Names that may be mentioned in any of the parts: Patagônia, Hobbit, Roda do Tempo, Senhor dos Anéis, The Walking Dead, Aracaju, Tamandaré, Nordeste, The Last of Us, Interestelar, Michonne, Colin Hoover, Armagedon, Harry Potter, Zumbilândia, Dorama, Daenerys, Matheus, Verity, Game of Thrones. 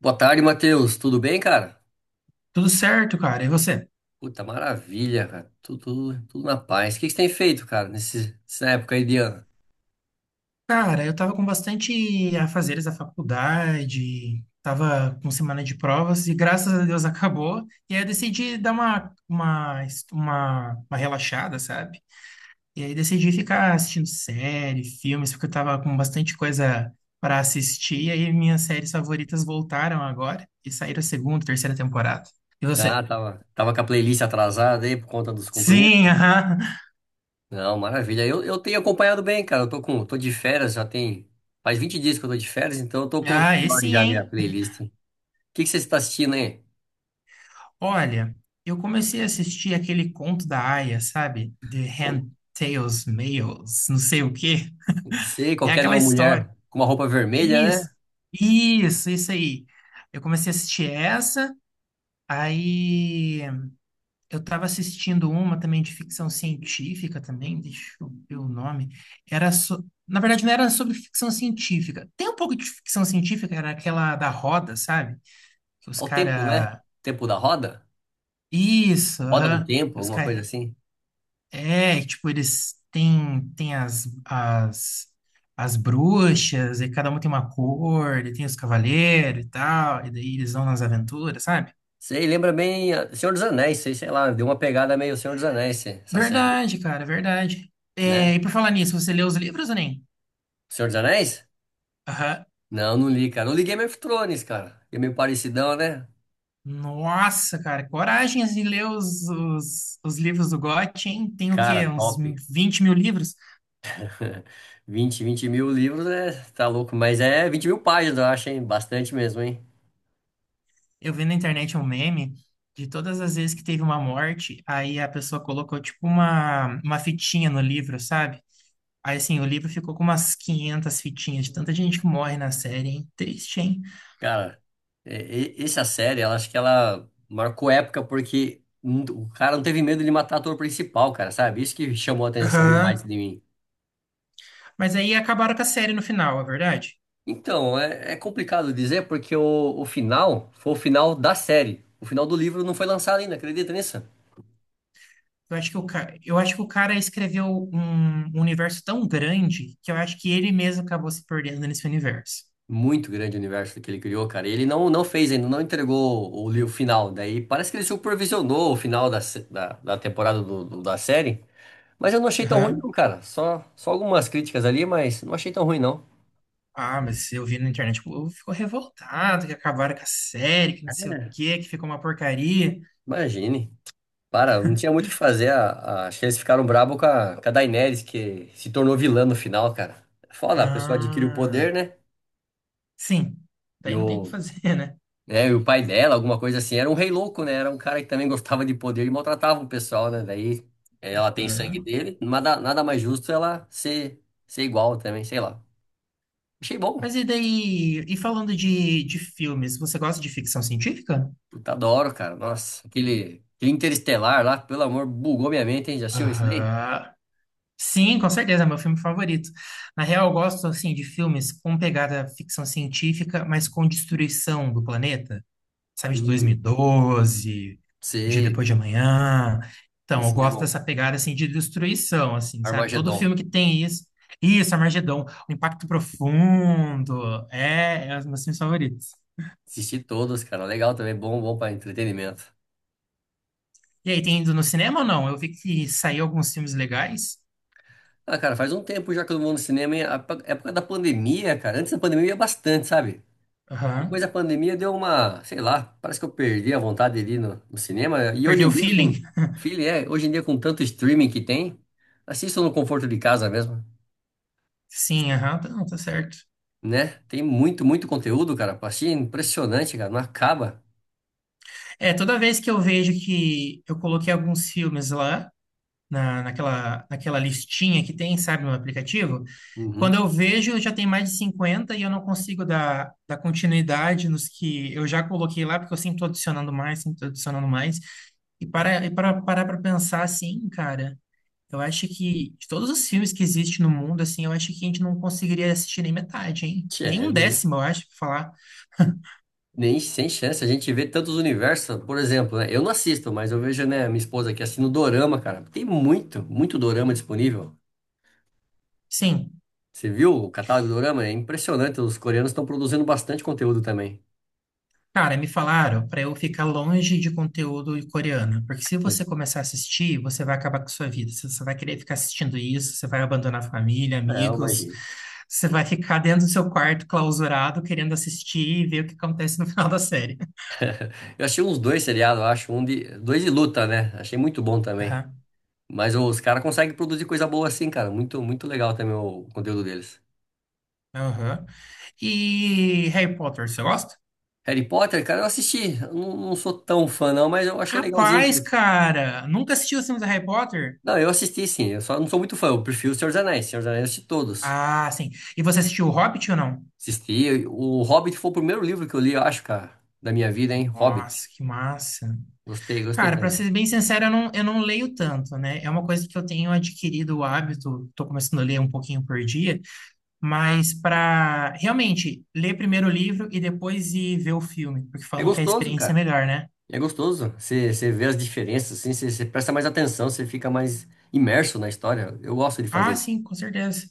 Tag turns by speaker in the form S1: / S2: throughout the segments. S1: Boa tarde, Matheus. Tudo bem, cara?
S2: Tudo certo, cara. E você?
S1: Puta, maravilha, cara. Tudo na paz. O que que você tem feito, cara, nessa época aí de ano?
S2: Cara, eu tava com bastante afazeres da faculdade, tava com semana de provas e graças a Deus acabou. E aí eu decidi dar uma relaxada, sabe? E aí decidi ficar assistindo série, filmes, porque eu tava com bastante coisa para assistir. E aí minhas séries favoritas voltaram agora e saíram a segunda, terceira temporada. E você?
S1: Ah, tava com a playlist atrasada aí por conta dos
S2: Sim,
S1: compromissos.
S2: aham.
S1: Não, maravilha. Eu tenho acompanhado bem, cara. Eu tô de férias, faz 20 dias que eu tô de férias, então eu tô colocando
S2: Ah,
S1: em
S2: esse
S1: ordem
S2: sim,
S1: já a minha
S2: hein?
S1: playlist. O que que você está assistindo aí?
S2: Olha, eu comecei a assistir aquele conto da Aya, sabe? The Hand Tales, Males, não sei o quê.
S1: Não sei,
S2: É
S1: qualquer de
S2: aquela
S1: uma
S2: história.
S1: mulher com uma roupa vermelha,
S2: Isso,
S1: né?
S2: isso aí. Eu comecei a assistir essa, aí eu tava assistindo uma também de ficção científica também, deixa eu ver o nome. Era so... Na verdade, não era sobre ficção científica. Tem um pouco de ficção científica, era aquela da roda, sabe? Que os
S1: Ao tempo, né?
S2: caras.
S1: Tempo da roda?
S2: Isso,
S1: Roda do
S2: aham.
S1: tempo,
S2: Que os
S1: alguma coisa
S2: caras.
S1: assim.
S2: É, tipo, eles têm, têm as bruxas, e cada um tem uma cor, e tem os cavaleiros e tal, e daí eles vão nas aventuras, sabe?
S1: Sei, lembra bem ah, Senhor dos Anéis, sei, sei lá, deu uma pegada meio Senhor dos Anéis, essa série,
S2: Verdade, cara, é verdade.
S1: né?
S2: É, e por falar nisso, você leu os livros ou nem?
S1: Senhor dos Anéis?
S2: Aham.
S1: Não, não li, cara. Não li Game of Thrones, cara. É meio parecidão, né?
S2: Nossa, cara, coragem de ler os livros do Gotti, hein? Tem o
S1: Cara,
S2: quê? Uns
S1: top.
S2: 20 mil livros?
S1: Vinte mil livros, né? Tá louco, mas é 20 mil páginas, eu acho, hein? Bastante mesmo, hein?
S2: Eu vi na internet um meme de todas as vezes que teve uma morte, aí a pessoa colocou, tipo, uma fitinha no livro, sabe? Aí, assim, o livro ficou com umas 500 fitinhas de tanta gente que morre na série, hein? Triste, hein?
S1: Cara, essa série, ela acho que ela marcou época porque n- o cara não teve medo de matar o ator principal, cara, sabe? Isso que chamou a atenção demais
S2: Aham.
S1: de mim.
S2: Mas aí acabaram com a série no final, é verdade?
S1: Então, é complicado dizer porque o final foi o final da série. O final do livro não foi lançado ainda, acredita nisso?
S2: Eu acho que o ca... eu acho que o cara escreveu um universo tão grande que eu acho que ele mesmo acabou se perdendo nesse universo.
S1: Muito grande o universo que ele criou, cara. E ele não fez ainda, não entregou o livro final. Daí parece que ele supervisionou o final da, se- da, da temporada da série. Mas eu não achei tão ruim,
S2: Aham.
S1: não, cara. Só algumas críticas ali, mas não achei tão ruim, não.
S2: Ah, mas eu vi na internet, tipo, o povo ficou revoltado que acabaram com a série, que não sei o quê, que ficou uma porcaria.
S1: Imagine. Para, não tinha muito o que fazer. Acho que eles ficaram bravos com a Daenerys, que se tornou vilã no final, cara. Foda, a pessoa adquire o poder,
S2: Ah,
S1: né?
S2: sim.
S1: E
S2: Daí não tem o que
S1: o,
S2: fazer, né?
S1: né? E o pai dela, alguma coisa assim, era um rei louco, né? Era um cara que também gostava de poder e maltratava o pessoal, né? Daí ela tem sangue
S2: Aham.
S1: dele, nada mais justo ela ser igual também, sei lá. Achei bom.
S2: Mas e daí? E falando de filmes, você gosta de ficção científica?
S1: Puta, adoro, cara. Nossa, aquele Interestelar lá, pelo amor, bugou minha mente, hein? Já assistiu esse daí?
S2: Aham. Sim, com certeza, é meu filme favorito. Na real, eu gosto assim de filmes com pegada ficção científica, mas com destruição do planeta, sabe, de
S1: Hum,
S2: 2012, de
S1: sei.
S2: Depois de Amanhã. Então, eu
S1: Esse é
S2: gosto
S1: bom.
S2: dessa pegada assim de destruição, assim, sabe? Todo
S1: Armagedon.
S2: filme que tem isso, isso, Armagedon, o Impacto Profundo, é, é um dos meus filmes favoritos.
S1: Assisti todos, cara. Legal também, bom, bom para entretenimento.
S2: E aí, tem ido no cinema ou não? Eu vi que saiu alguns filmes legais.
S1: Ah, cara, faz um tempo já que eu não vou no cinema, hein? A época da pandemia, cara. Antes da pandemia eu ia bastante, sabe? Depois
S2: Aham.
S1: da pandemia deu uma, sei lá, parece que eu perdi a vontade de ir no cinema. E hoje
S2: Perdeu o
S1: em dia,
S2: feeling?
S1: filho, é, hoje em dia com tanto streaming que tem, assisto no conforto de casa mesmo.
S2: Sim,
S1: Sim.
S2: aham, tá, não, tá certo.
S1: Né? Tem muito, muito conteúdo, cara. Pra assistir, é impressionante, cara. Não acaba.
S2: É, toda vez que eu vejo que eu coloquei alguns filmes lá, naquela listinha que tem, sabe, no aplicativo, quando
S1: Uhum.
S2: eu vejo, já tem mais de 50 e eu não consigo dar continuidade nos que eu já coloquei lá, porque eu sempre tô adicionando mais, sempre tô adicionando mais. E para parar para pensar assim, cara. Eu acho que de todos os filmes que existem no mundo, assim, eu acho que a gente não conseguiria assistir nem metade, hein? Nem
S1: Tchê,
S2: um
S1: nem,
S2: décimo, eu acho, pra falar.
S1: nem sem chance. A gente vê tantos universos, por exemplo, né? Eu não assisto, mas eu vejo, né, minha esposa aqui assistindo Dorama, cara. Tem muito, muito Dorama disponível.
S2: Sim,
S1: Você viu o catálogo do Dorama? É impressionante. Os coreanos estão produzindo bastante conteúdo também.
S2: cara, me falaram pra eu ficar longe de conteúdo coreano, porque se você começar a assistir, você vai acabar com a sua vida. Você vai querer ficar assistindo isso, você vai abandonar a família,
S1: Não,
S2: amigos,
S1: imagina.
S2: você vai ficar dentro do seu quarto clausurado, querendo assistir e ver o que acontece no final da série.
S1: Eu achei uns dois seriados, eu acho. Um de. Dois de luta, né? Achei muito bom também.
S2: Aham,
S1: Mas os caras conseguem produzir coisa boa assim, cara. Muito, muito legal também o conteúdo deles.
S2: aham. E Harry Potter, você gosta?
S1: Harry Potter, cara, eu assisti. Eu não sou tão fã, não, mas eu achei legalzinho.
S2: Capaz,
S1: porque-
S2: cara! Nunca assistiu os filmes do Harry Potter?
S1: Não, eu assisti sim. Eu só não sou muito fã. Eu prefiro o Senhor dos Anéis. Senhor dos Anéis eu assisti todos.
S2: Ah, sim. E você assistiu o Hobbit ou não?
S1: Assisti. O Hobbit foi o primeiro livro que eu li, eu acho, cara, da minha vida, hein? Hobbit.
S2: Nossa, que massa.
S1: Gostei, gostei
S2: Cara, pra
S1: também.
S2: ser bem sincero, eu não leio tanto, né? É uma coisa que eu tenho adquirido o hábito, tô começando a ler um pouquinho por dia, mas pra realmente ler primeiro o livro e depois ir ver o filme, porque
S1: É
S2: falam que a
S1: gostoso,
S2: experiência é
S1: cara.
S2: melhor, né?
S1: E é gostoso. Você vê as diferenças, assim, você presta mais atenção, você fica mais imerso na história. Eu gosto de fazer
S2: Ah,
S1: isso.
S2: sim, com certeza.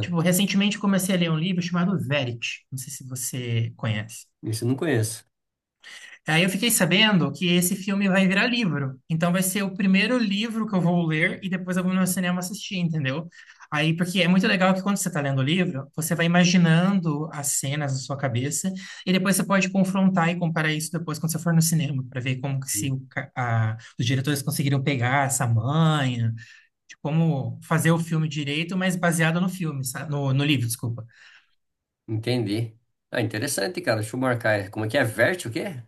S2: Tipo, recentemente comecei a ler um livro chamado Verity. Não sei se você conhece.
S1: Isso eu não conheço.
S2: Aí eu fiquei sabendo que esse filme vai virar livro. Então vai ser o primeiro livro que eu vou ler e depois eu vou no cinema assistir, entendeu? Aí, porque é muito legal que quando você está lendo o livro, você vai imaginando as cenas na sua cabeça e depois você pode confrontar e comparar isso depois quando você for no cinema, para ver como que se o ca- a- os diretores conseguiram pegar essa manha, de como fazer o filme direito, mas baseado no filme, sa- no, no livro, desculpa.
S1: Entendi. Ah, interessante, cara. Deixa eu marcar. Como é que é? Vert o quê?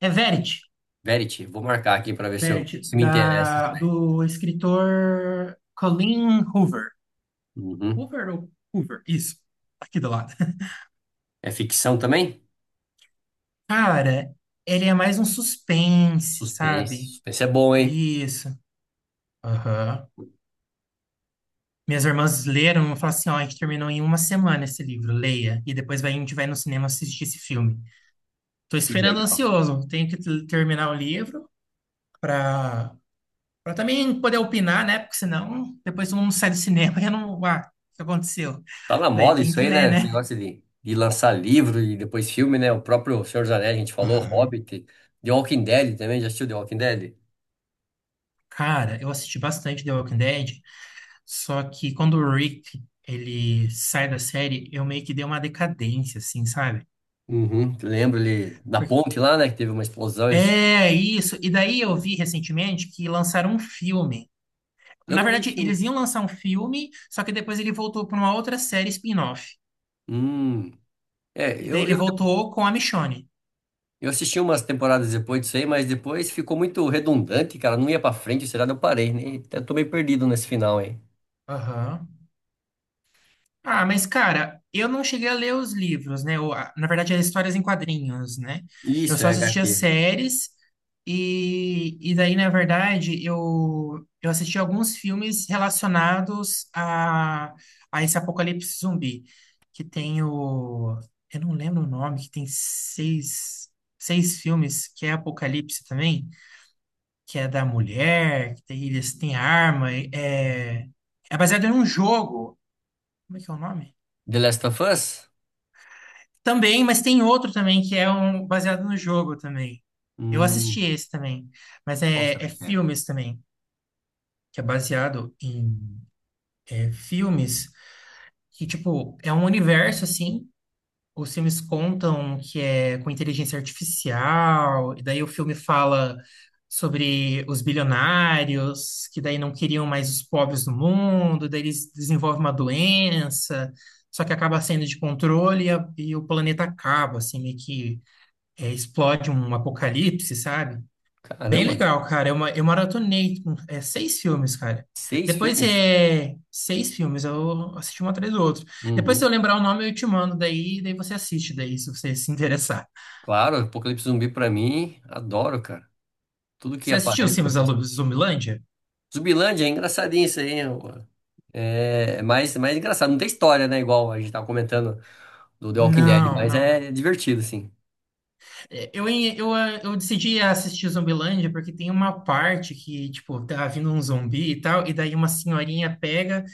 S2: É Verity.
S1: Verity. Vou marcar aqui pra ver se eu
S2: Meredith,
S1: se me interessa isso
S2: da,
S1: aí.
S2: do escritor Colin Hoover.
S1: Uhum.
S2: Hoover ou Hoover? Isso, aqui do lado.
S1: É ficção também?
S2: Cara, ele é mais um suspense,
S1: Suspense.
S2: sabe?
S1: Suspense é bom, hein?
S2: Isso. Aham. Minhas irmãs leram e falaram assim: ó, a gente terminou em uma semana esse livro, leia. E depois vai, a gente vai no cinema assistir esse filme. Tô
S1: Que
S2: esperando
S1: legal.
S2: ansioso. Tenho que t- terminar o livro pra, pra também poder opinar, né? Porque senão depois todo mundo sai do cinema e eu não. Ah, o que aconteceu?
S1: Tá na
S2: Daí
S1: moda
S2: tem
S1: isso
S2: que
S1: aí,
S2: ler,
S1: né? Esse
S2: né?
S1: negócio de lançar livro e depois filme, né? O próprio Senhor dos Anéis, a gente falou,
S2: Aham.
S1: Hobbit, The Walking Dead também. Já assistiu The Walking Dead?
S2: Cara, eu assisti bastante The Walking Dead, só que quando o Rick, ele sai da série, eu meio que dei uma decadência, assim, sabe?
S1: Uhum, lembro ele da
S2: Porque-
S1: ponte lá, né? Que teve uma explosão. Eles...
S2: é isso. E daí eu vi recentemente que lançaram um filme.
S1: Eu
S2: Na
S1: não vi
S2: verdade,
S1: esse filme.
S2: eles iam lançar um filme, só que depois ele voltou para uma outra série spin-off.
S1: Hum. É,
S2: E daí
S1: eu,
S2: ele
S1: eu,
S2: voltou com a Michonne.
S1: eu assisti umas temporadas depois disso aí, mas depois ficou muito redundante, cara. Não ia pra frente, será? Eu parei, né? Até tô meio perdido nesse final aí.
S2: Aham. Ah, mas cara, eu não cheguei a ler os livros, né? Ou, a- na verdade, as histórias em quadrinhos, né? Eu
S1: Isso,
S2: só
S1: é
S2: assistia
S1: HQ.
S2: séries e daí, na verdade, eu assisti alguns filmes relacionados a esse apocalipse zumbi, que tem o... Eu não lembro o nome, que tem seis filmes, que é Apocalipse também, que é da mulher, que tem, eles têm arma, é, é baseado em um jogo. Como é que é o nome?
S1: The Last of Us?
S2: Também, mas tem outro também que é um baseado no jogo também. Eu assisti
S1: Hum,
S2: esse também, mas
S1: Qual
S2: é,
S1: será
S2: é
S1: que é?
S2: filmes também, que é baseado em é, filmes que, tipo, é um universo assim. Os filmes contam que é com inteligência artificial, e daí o filme fala sobre os bilionários, que daí não queriam mais os pobres do mundo, daí eles desenvolvem uma doença, só que acaba saindo de controle e, a- e o planeta acaba, assim, meio que é, explode um apocalipse, sabe? Bem
S1: Caramba,
S2: legal, cara. Eu, ma- eu maratonei com, é, 6 filmes, cara.
S1: seis
S2: Depois
S1: filmes?
S2: é 6 filmes, eu assisti um atrás do outro. Depois, se
S1: Uhum.
S2: eu lembrar o nome, eu te mando daí, daí você assiste daí, se você se interessar.
S1: Claro, Apocalipse Zumbi pra mim, adoro, cara. Tudo que
S2: Você assistiu os
S1: aparece, eu
S2: filmes da
S1: assisto.
S2: Lu- Zumbilândia?
S1: Zumbilândia é engraçadinho isso aí, hein, pô. É mais, mais engraçado. Não tem história, né? Igual a gente tava comentando do The Walking Dead,
S2: Não,
S1: mas
S2: não.
S1: é divertido, assim.
S2: É, eu, em- eu, ah, eu decidi assistir Zumbilândia porque tem uma parte que, tipo, tá vindo um zumbi e tal, e daí uma senhorinha pega.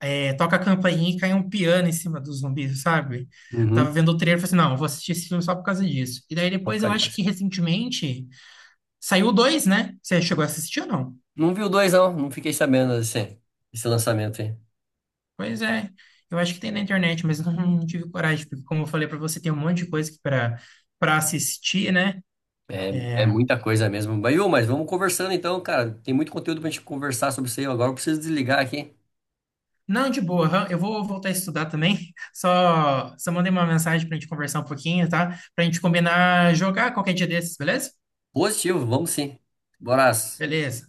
S2: É, toca a campainha e cai um piano em cima dos zumbis, sabe? Tava
S1: Uhum.
S2: vendo o trailer e falei assim, não, eu vou assistir esse filme só por causa disso. E daí
S1: Vou
S2: depois
S1: ficar
S2: eu acho
S1: demais.
S2: que recentemente saiu o dois, né? Você chegou a assistir ou não?
S1: Não vi o dois, não. Não fiquei sabendo desse lançamento aí.
S2: Pois é, eu acho que tem na internet, mas não, não tive coragem, porque como eu falei pra você, tem um monte de coisa para assistir, né?
S1: É, é muita coisa mesmo. Mas, ô, mas vamos conversando então, cara. Tem muito conteúdo pra gente conversar sobre isso aí. Agora eu preciso desligar aqui.
S2: Não, de boa, aham, eu vou voltar a estudar também. Só mandei uma mensagem pra gente conversar um pouquinho, tá? Pra gente combinar jogar qualquer dia desses, beleza?
S1: Positivo, vamos sim. Bora.
S2: Beleza.